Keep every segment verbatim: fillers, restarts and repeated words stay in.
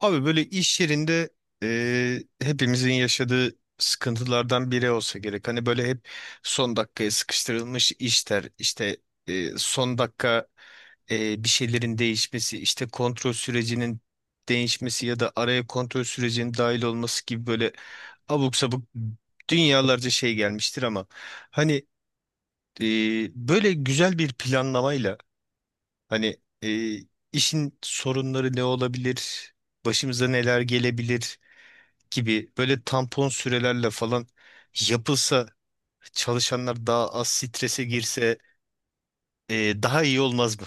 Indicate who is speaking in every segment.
Speaker 1: Abi böyle iş yerinde e, hepimizin yaşadığı sıkıntılardan biri olsa gerek. Hani böyle hep son dakikaya sıkıştırılmış işler, işte e, son dakika, e, bir şeylerin değişmesi, işte kontrol sürecinin değişmesi ya da araya kontrol sürecinin dahil olması gibi böyle abuk sabuk dünyalarca şey gelmiştir. Ama hani e, böyle güzel bir planlamayla, Hani e, işin sorunları ne olabilir, başımıza neler gelebilir gibi böyle tampon sürelerle falan yapılsa, çalışanlar daha az strese girse, e, daha iyi olmaz mı?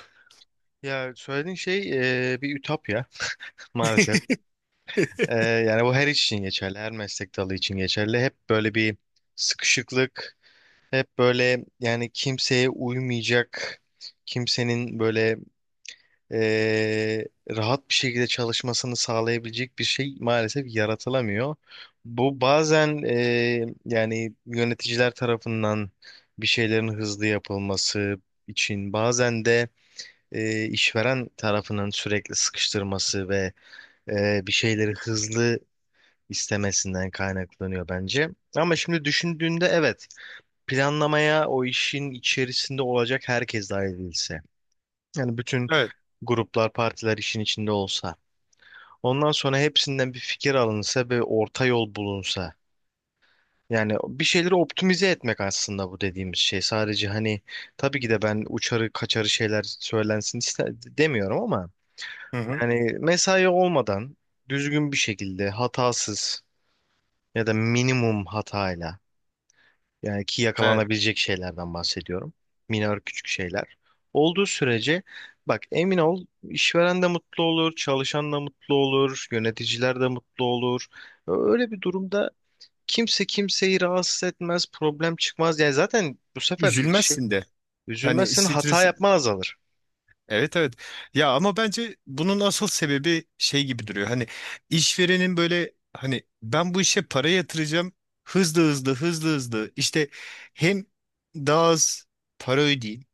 Speaker 2: Ya söylediğin şey e, bir ütopya maalesef. E, yani bu her iş için geçerli, her meslek dalı için geçerli. Hep böyle bir sıkışıklık, hep böyle yani kimseye uymayacak, kimsenin böyle e, rahat bir şekilde çalışmasını sağlayabilecek bir şey maalesef yaratılamıyor. Bu bazen e, yani yöneticiler tarafından bir şeylerin hızlı yapılması için, bazen de e, işveren tarafının sürekli sıkıştırması ve e, bir şeyleri hızlı istemesinden kaynaklanıyor bence. Ama şimdi düşündüğünde evet, planlamaya o işin içerisinde olacak herkes dahil edilse. Yani bütün
Speaker 1: Evet.
Speaker 2: gruplar, partiler işin içinde olsa. Ondan sonra hepsinden bir fikir alınsa ve orta yol bulunsa. Yani bir şeyleri optimize etmek aslında bu dediğimiz şey. Sadece hani tabii ki de ben uçarı kaçarı şeyler söylensin iste demiyorum ama
Speaker 1: Hı hı.
Speaker 2: Yani mesai olmadan düzgün bir şekilde hatasız ya da minimum hatayla, yani ki
Speaker 1: Evet.
Speaker 2: yakalanabilecek şeylerden bahsediyorum. Minör küçük şeyler. Olduğu sürece bak, emin ol, işveren de mutlu olur, çalışan da mutlu olur, yöneticiler de mutlu olur. Öyle bir durumda kimse kimseyi rahatsız etmez, problem çıkmaz. Yani zaten bu sefer şey,
Speaker 1: Üzülmezsin de. Hani
Speaker 2: üzülmezsin, hata
Speaker 1: stres,
Speaker 2: yapma azalır.
Speaker 1: evet, evet. Ya ama bence bunun asıl sebebi şey gibi duruyor. Hani işverenin böyle, hani ben bu işe para yatıracağım, hızlı hızlı hızlı hızlı İşte hem daha az para ödeyeyim.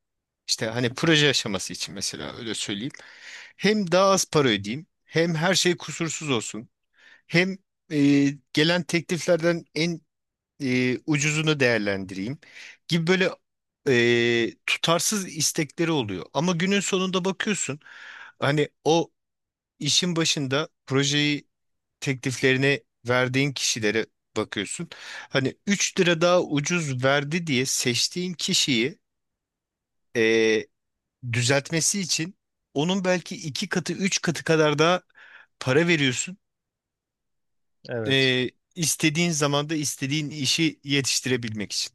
Speaker 1: İşte hani proje aşaması için mesela öyle söyleyeyim. Hem daha az para ödeyeyim, hem her şey kusursuz olsun, hem e, gelen tekliflerden en e, ucuzunu değerlendireyim gibi böyle e, tutarsız istekleri oluyor. Ama günün sonunda bakıyorsun, hani o işin başında projeyi, tekliflerini verdiğin kişilere bakıyorsun. Hani üç lira daha ucuz verdi diye seçtiğin kişiyi düzeltmesi için onun belki iki katı, üç katı kadar daha para veriyorsun.
Speaker 2: Evet.
Speaker 1: Ee, istediğin zamanda istediğin işi yetiştirebilmek için.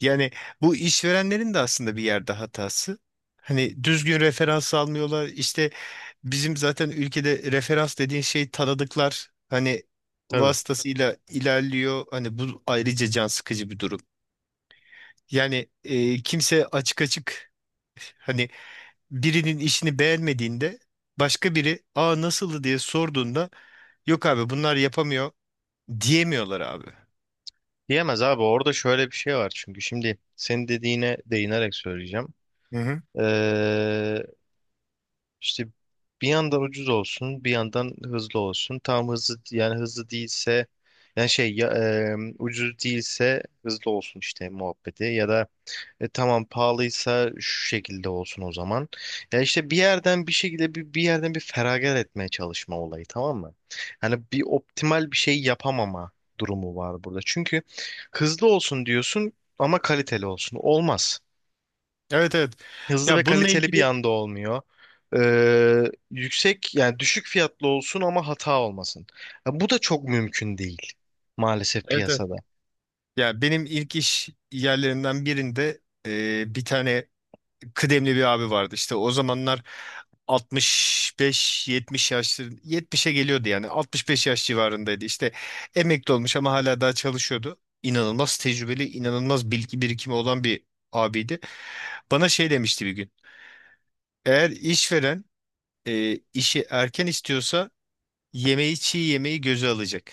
Speaker 1: Yani bu işverenlerin de aslında bir yerde hatası. Hani düzgün referans almıyorlar. İşte bizim zaten ülkede referans dediğin şey tanıdıklar. Hani
Speaker 2: Tabii.
Speaker 1: vasıtasıyla ilerliyor. Hani bu ayrıca can sıkıcı bir durum. Yani e, kimse açık açık, hani birinin işini beğenmediğinde, başka biri aa nasıldı diye sorduğunda, yok abi bunlar yapamıyor diyemiyorlar abi.
Speaker 2: Diyemez abi, orada şöyle bir şey var, çünkü şimdi senin dediğine değinerek söyleyeceğim.
Speaker 1: Hı hı.
Speaker 2: Ee, işte bir yandan ucuz olsun, bir yandan hızlı olsun. Tam hızlı, yani hızlı değilse yani şey ya, e, ucuz değilse hızlı olsun işte muhabbeti, ya da e tamam, pahalıysa şu şekilde olsun o zaman. Ya işte bir yerden, bir şekilde bir, bir yerden bir feragat etmeye çalışma olayı, tamam mı? Hani bir optimal bir şey yapamama durumu var burada. Çünkü hızlı olsun diyorsun ama kaliteli olsun. Olmaz.
Speaker 1: Evet, evet.
Speaker 2: Hızlı ve
Speaker 1: Ya bununla
Speaker 2: kaliteli bir
Speaker 1: ilgili,
Speaker 2: anda olmuyor. Ee, yüksek yani düşük fiyatlı olsun ama hata olmasın. Ya bu da çok mümkün değil maalesef
Speaker 1: evet, evet.
Speaker 2: piyasada.
Speaker 1: Ya benim ilk iş yerlerinden birinde e, bir tane kıdemli bir abi vardı. İşte o zamanlar altmış beş yetmiş yaşları, yetmişe geliyordu, yani altmış beş yaş civarındaydı. İşte emekli olmuş ama hala daha çalışıyordu. İnanılmaz tecrübeli, inanılmaz bilgi birikimi olan bir abiydi. Bana şey demişti bir gün. Eğer işveren e, işi erken istiyorsa yemeği çiğ yemeği göze alacak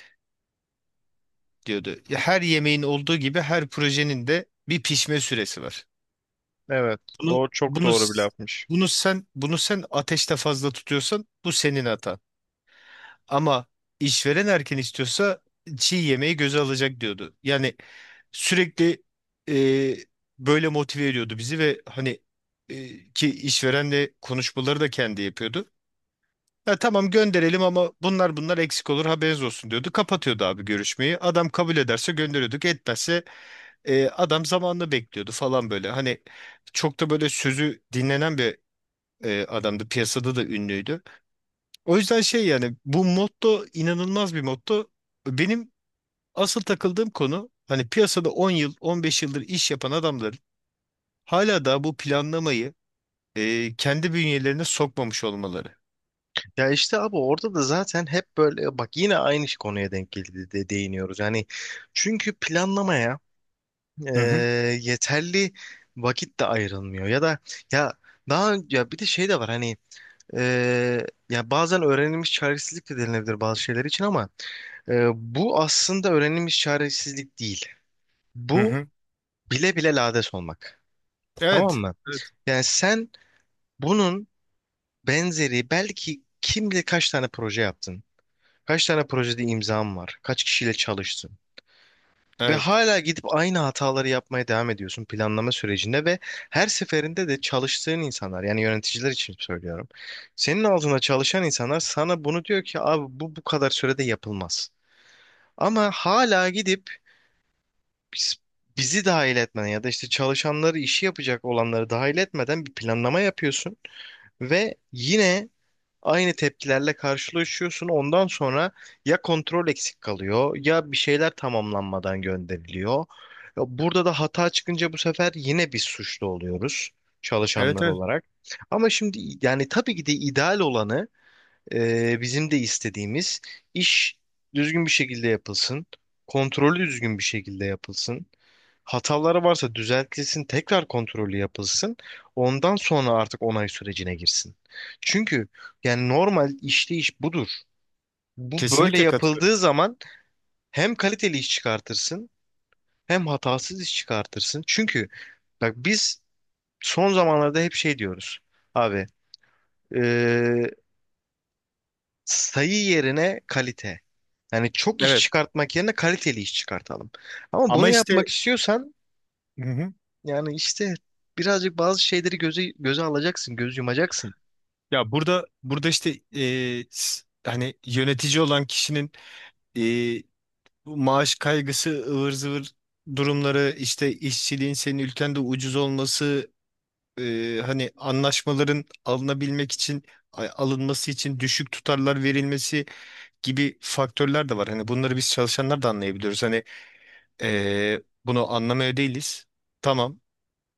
Speaker 1: diyordu. Her yemeğin olduğu gibi her projenin de bir pişme süresi var.
Speaker 2: Evet,
Speaker 1: Bunu
Speaker 2: doğru, çok
Speaker 1: bunu
Speaker 2: doğru bir
Speaker 1: s-
Speaker 2: lafmış.
Speaker 1: bunu sen bunu sen ateşte fazla tutuyorsan bu senin hatan. Ama işveren erken istiyorsa çiğ yemeği göze alacak diyordu. Yani sürekli e, böyle motive ediyordu bizi ve hani e, ki işverenle konuşmaları da kendi yapıyordu. Ya tamam gönderelim, ama bunlar bunlar eksik olur, haberiniz olsun diyordu. Kapatıyordu abi görüşmeyi. Adam kabul ederse gönderiyorduk. Etmezse e, adam zamanını bekliyordu falan böyle. Hani çok da böyle sözü dinlenen bir e, adamdı. Piyasada da ünlüydü. O yüzden şey, yani bu motto inanılmaz bir motto. Benim asıl takıldığım konu, hani piyasada on yıl on beş yıldır iş yapan adamların hala da bu planlamayı e, kendi bünyelerine sokmamış olmaları.
Speaker 2: Ya işte abi, orada da zaten hep böyle bak, yine aynı konuya denk geldi de değiniyoruz. Yani çünkü planlamaya e,
Speaker 1: Hı hı,
Speaker 2: yeterli vakit de ayrılmıyor, ya da ya daha ya bir de şey de var hani, e, ya bazen öğrenilmiş çaresizlik de denilebilir bazı şeyler için, ama e, bu aslında öğrenilmiş çaresizlik değil.
Speaker 1: hı
Speaker 2: Bu
Speaker 1: hı.
Speaker 2: bile bile lades olmak. Tamam
Speaker 1: Evet.
Speaker 2: mı?
Speaker 1: Evet.
Speaker 2: Yani sen bunun benzeri belki kim bilir kaç tane proje yaptın. Kaç tane projede imzam var? Kaç kişiyle çalıştın? Ve
Speaker 1: Evet.
Speaker 2: hala gidip aynı hataları yapmaya devam ediyorsun planlama sürecinde, ve her seferinde de çalıştığın insanlar, yani yöneticiler için söylüyorum. Senin altında çalışan insanlar sana bunu diyor ki abi, bu bu kadar sürede yapılmaz. Ama hala gidip biz- bizi dahil etmeden ya da işte çalışanları, işi yapacak olanları dahil etmeden bir planlama yapıyorsun ve yine aynı tepkilerle karşılaşıyorsun. Ondan sonra ya kontrol eksik kalıyor, ya bir şeyler tamamlanmadan gönderiliyor. Ya Burada da hata çıkınca bu sefer yine biz suçlu oluyoruz,
Speaker 1: Evet.
Speaker 2: çalışanlar
Speaker 1: Evet.
Speaker 2: olarak. Ama şimdi yani tabii ki de ideal olanı, ee, bizim de istediğimiz iş düzgün bir şekilde yapılsın. Kontrolü düzgün bir şekilde yapılsın. Hataları varsa düzeltilsin, tekrar kontrolü yapılsın. Ondan sonra artık onay sürecine girsin. Çünkü yani normal işleyiş budur. Bu böyle
Speaker 1: Kesinlikle katılıyorum.
Speaker 2: yapıldığı zaman hem kaliteli iş çıkartırsın, hem hatasız iş çıkartırsın. Çünkü bak, biz son zamanlarda hep şey diyoruz. Abi, sayı yerine kalite. Yani çok iş
Speaker 1: Evet.
Speaker 2: çıkartmak yerine kaliteli iş çıkartalım. Ama
Speaker 1: Ama
Speaker 2: bunu yapmak
Speaker 1: işte,
Speaker 2: istiyorsan
Speaker 1: hı hı.
Speaker 2: yani işte birazcık bazı şeyleri göze, göze alacaksın, göz yumacaksın.
Speaker 1: Ya burada burada işte, e, s- hani yönetici olan kişinin bu maaş kaygısı, ıvır zıvır durumları, işte işçiliğin senin ülkende ucuz olması, e, hani anlaşmaların alınabilmek için, a- alınması için düşük tutarlar verilmesi gibi faktörler de var. Hani bunları biz çalışanlar da anlayabiliyoruz. Hani e, bunu anlamaya değiliz. Tamam,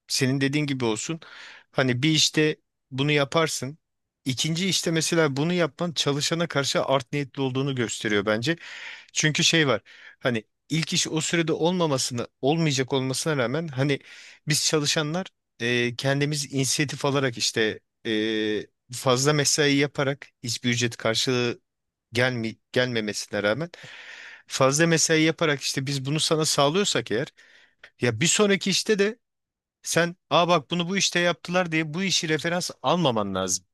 Speaker 1: senin dediğin gibi olsun. Hani bir işte bunu yaparsın. İkinci işte mesela bunu yapman çalışana karşı art niyetli olduğunu gösteriyor bence. Çünkü şey var. Hani ilk iş o sürede olmamasını, olmayacak olmasına rağmen, hani biz çalışanlar e, kendimiz inisiyatif alarak, işte e, fazla mesai yaparak, hiçbir ücret karşılığı gelmi gelmemesine rağmen fazla mesai yaparak işte biz bunu sana sağlıyorsak eğer, ya bir sonraki işte de sen, aa bak bunu bu işte yaptılar diye bu işi referans almaman lazım.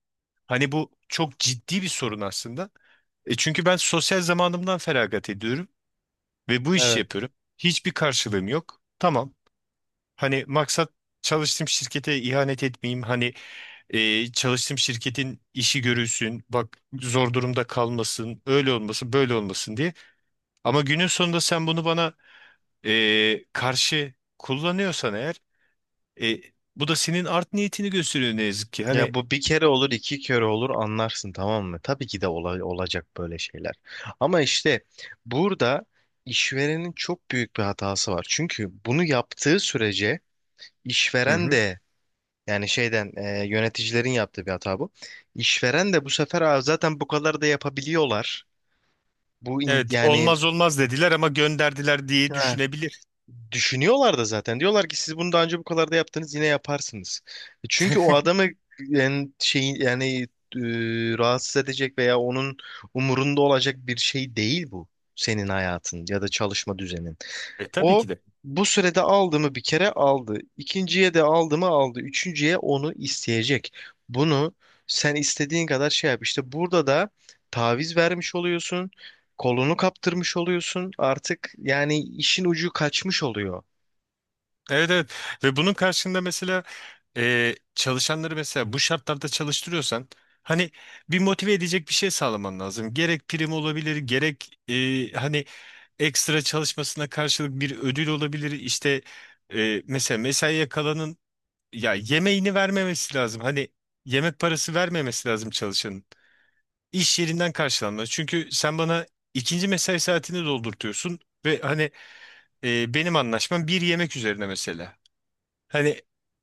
Speaker 1: Hani bu çok ciddi bir sorun aslında. E çünkü ben sosyal zamanımdan feragat ediyorum ve bu işi
Speaker 2: Evet.
Speaker 1: yapıyorum. Hiçbir karşılığım yok. Tamam. Hani maksat çalıştığım şirkete ihanet etmeyeyim. Hani e, çalıştığım şirketin işi görülsün, bak zor durumda kalmasın, öyle olmasın, böyle olmasın diye. Ama günün sonunda sen bunu bana e, karşı kullanıyorsan eğer, e, bu da senin art niyetini gösteriyor ne yazık ki.
Speaker 2: Ya
Speaker 1: Hani
Speaker 2: bu bir kere olur, iki kere olur, anlarsın tamam mı? Tabii ki de ola- olacak böyle şeyler. Ama işte burada işverenin çok büyük bir hatası var. Çünkü bunu yaptığı sürece
Speaker 1: hı
Speaker 2: işveren
Speaker 1: hı.
Speaker 2: de, Yani şeyden e, yöneticilerin yaptığı bir hata bu. İşveren de bu sefer, "Aa, zaten bu kadar da yapabiliyorlar. Bu in-
Speaker 1: Evet,
Speaker 2: yani
Speaker 1: olmaz olmaz dediler ama gönderdiler diye
Speaker 2: ha,
Speaker 1: düşünebilir.
Speaker 2: düşünüyorlar da zaten. Diyorlar ki siz bunu daha önce bu kadar da yaptınız, yine yaparsınız." E Çünkü o adamı yani, şey, yani e, rahatsız edecek veya onun umurunda olacak bir şey değil bu. Senin hayatın ya da çalışma düzenin.
Speaker 1: E tabii
Speaker 2: O,
Speaker 1: ki de.
Speaker 2: bu sürede aldı mı, bir kere aldı. İkinciye de aldı mı, aldı. Üçüncüye onu isteyecek. Bunu sen istediğin kadar şey yap. İşte burada da taviz vermiş oluyorsun. Kolunu kaptırmış oluyorsun. Artık yani işin ucu kaçmış oluyor.
Speaker 1: Evet, evet, ve bunun karşında mesela e, çalışanları mesela bu şartlarda çalıştırıyorsan, hani bir motive edecek bir şey sağlaman lazım. Gerek prim olabilir, gerek e, hani ekstra çalışmasına karşılık bir ödül olabilir. İşte e, mesela mesaiye kalanın ya yemeğini vermemesi lazım. Hani yemek parası vermemesi lazım çalışanın. İş yerinden karşılanmalı. Çünkü sen bana ikinci mesai saatini doldurtuyorsun ve hani e, benim anlaşmam bir yemek üzerine mesela. Hani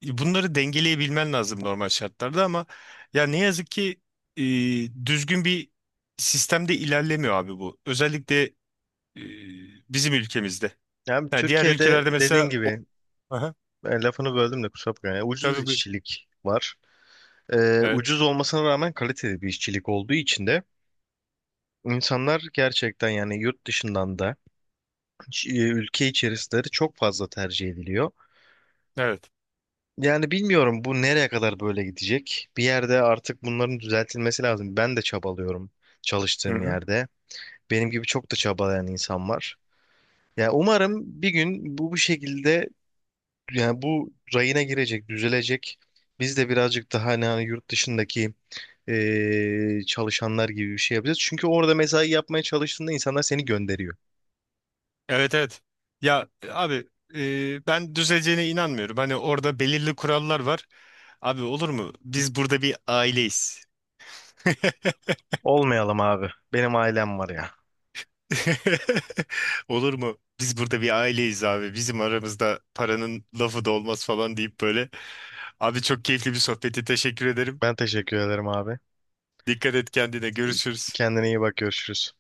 Speaker 1: e, bunları dengeleyebilmen lazım normal şartlarda, ama ya ne yazık ki e, düzgün bir sistemde ilerlemiyor abi bu. Özellikle e, bizim ülkemizde.
Speaker 2: Yani
Speaker 1: Ha, diğer
Speaker 2: Türkiye'de
Speaker 1: ülkelerde
Speaker 2: dediğin
Speaker 1: mesela o...
Speaker 2: gibi,
Speaker 1: Aha,
Speaker 2: e, lafını böldüm de kusura bakma. Yani ucuz
Speaker 1: tabii buyur.
Speaker 2: işçilik var. E,
Speaker 1: Evet,
Speaker 2: ucuz olmasına rağmen kaliteli bir işçilik olduğu için de insanlar gerçekten, yani yurt dışından da ç- e, ülke içerisleri çok fazla tercih ediliyor.
Speaker 1: evet.
Speaker 2: Yani bilmiyorum bu nereye kadar böyle gidecek. Bir yerde artık bunların düzeltilmesi lazım. Ben de çabalıyorum
Speaker 1: Hı
Speaker 2: çalıştığım
Speaker 1: hı.
Speaker 2: yerde. Benim gibi çok da çabalayan insan var. Yani umarım bir gün bu bu şekilde yani bu rayına girecek, düzelecek. Biz de birazcık daha hani, hani yurt dışındaki e, çalışanlar gibi bir şey yapacağız. Çünkü orada mesai yapmaya çalıştığında insanlar seni gönderiyor.
Speaker 1: Evet, evet. Ya e, abi, e, ben düzeleceğine inanmıyorum. Hani orada belirli kurallar var. Abi olur mu? Biz burada bir aileyiz.
Speaker 2: Olmayalım abi. Benim ailem var ya.
Speaker 1: Olur mu? Biz burada bir aileyiz abi. Bizim aramızda paranın lafı da olmaz falan deyip böyle. Abi çok keyifli bir sohbeti. Teşekkür ederim.
Speaker 2: Ben teşekkür ederim abi.
Speaker 1: Dikkat et kendine. Görüşürüz.
Speaker 2: Kendine iyi bak, görüşürüz.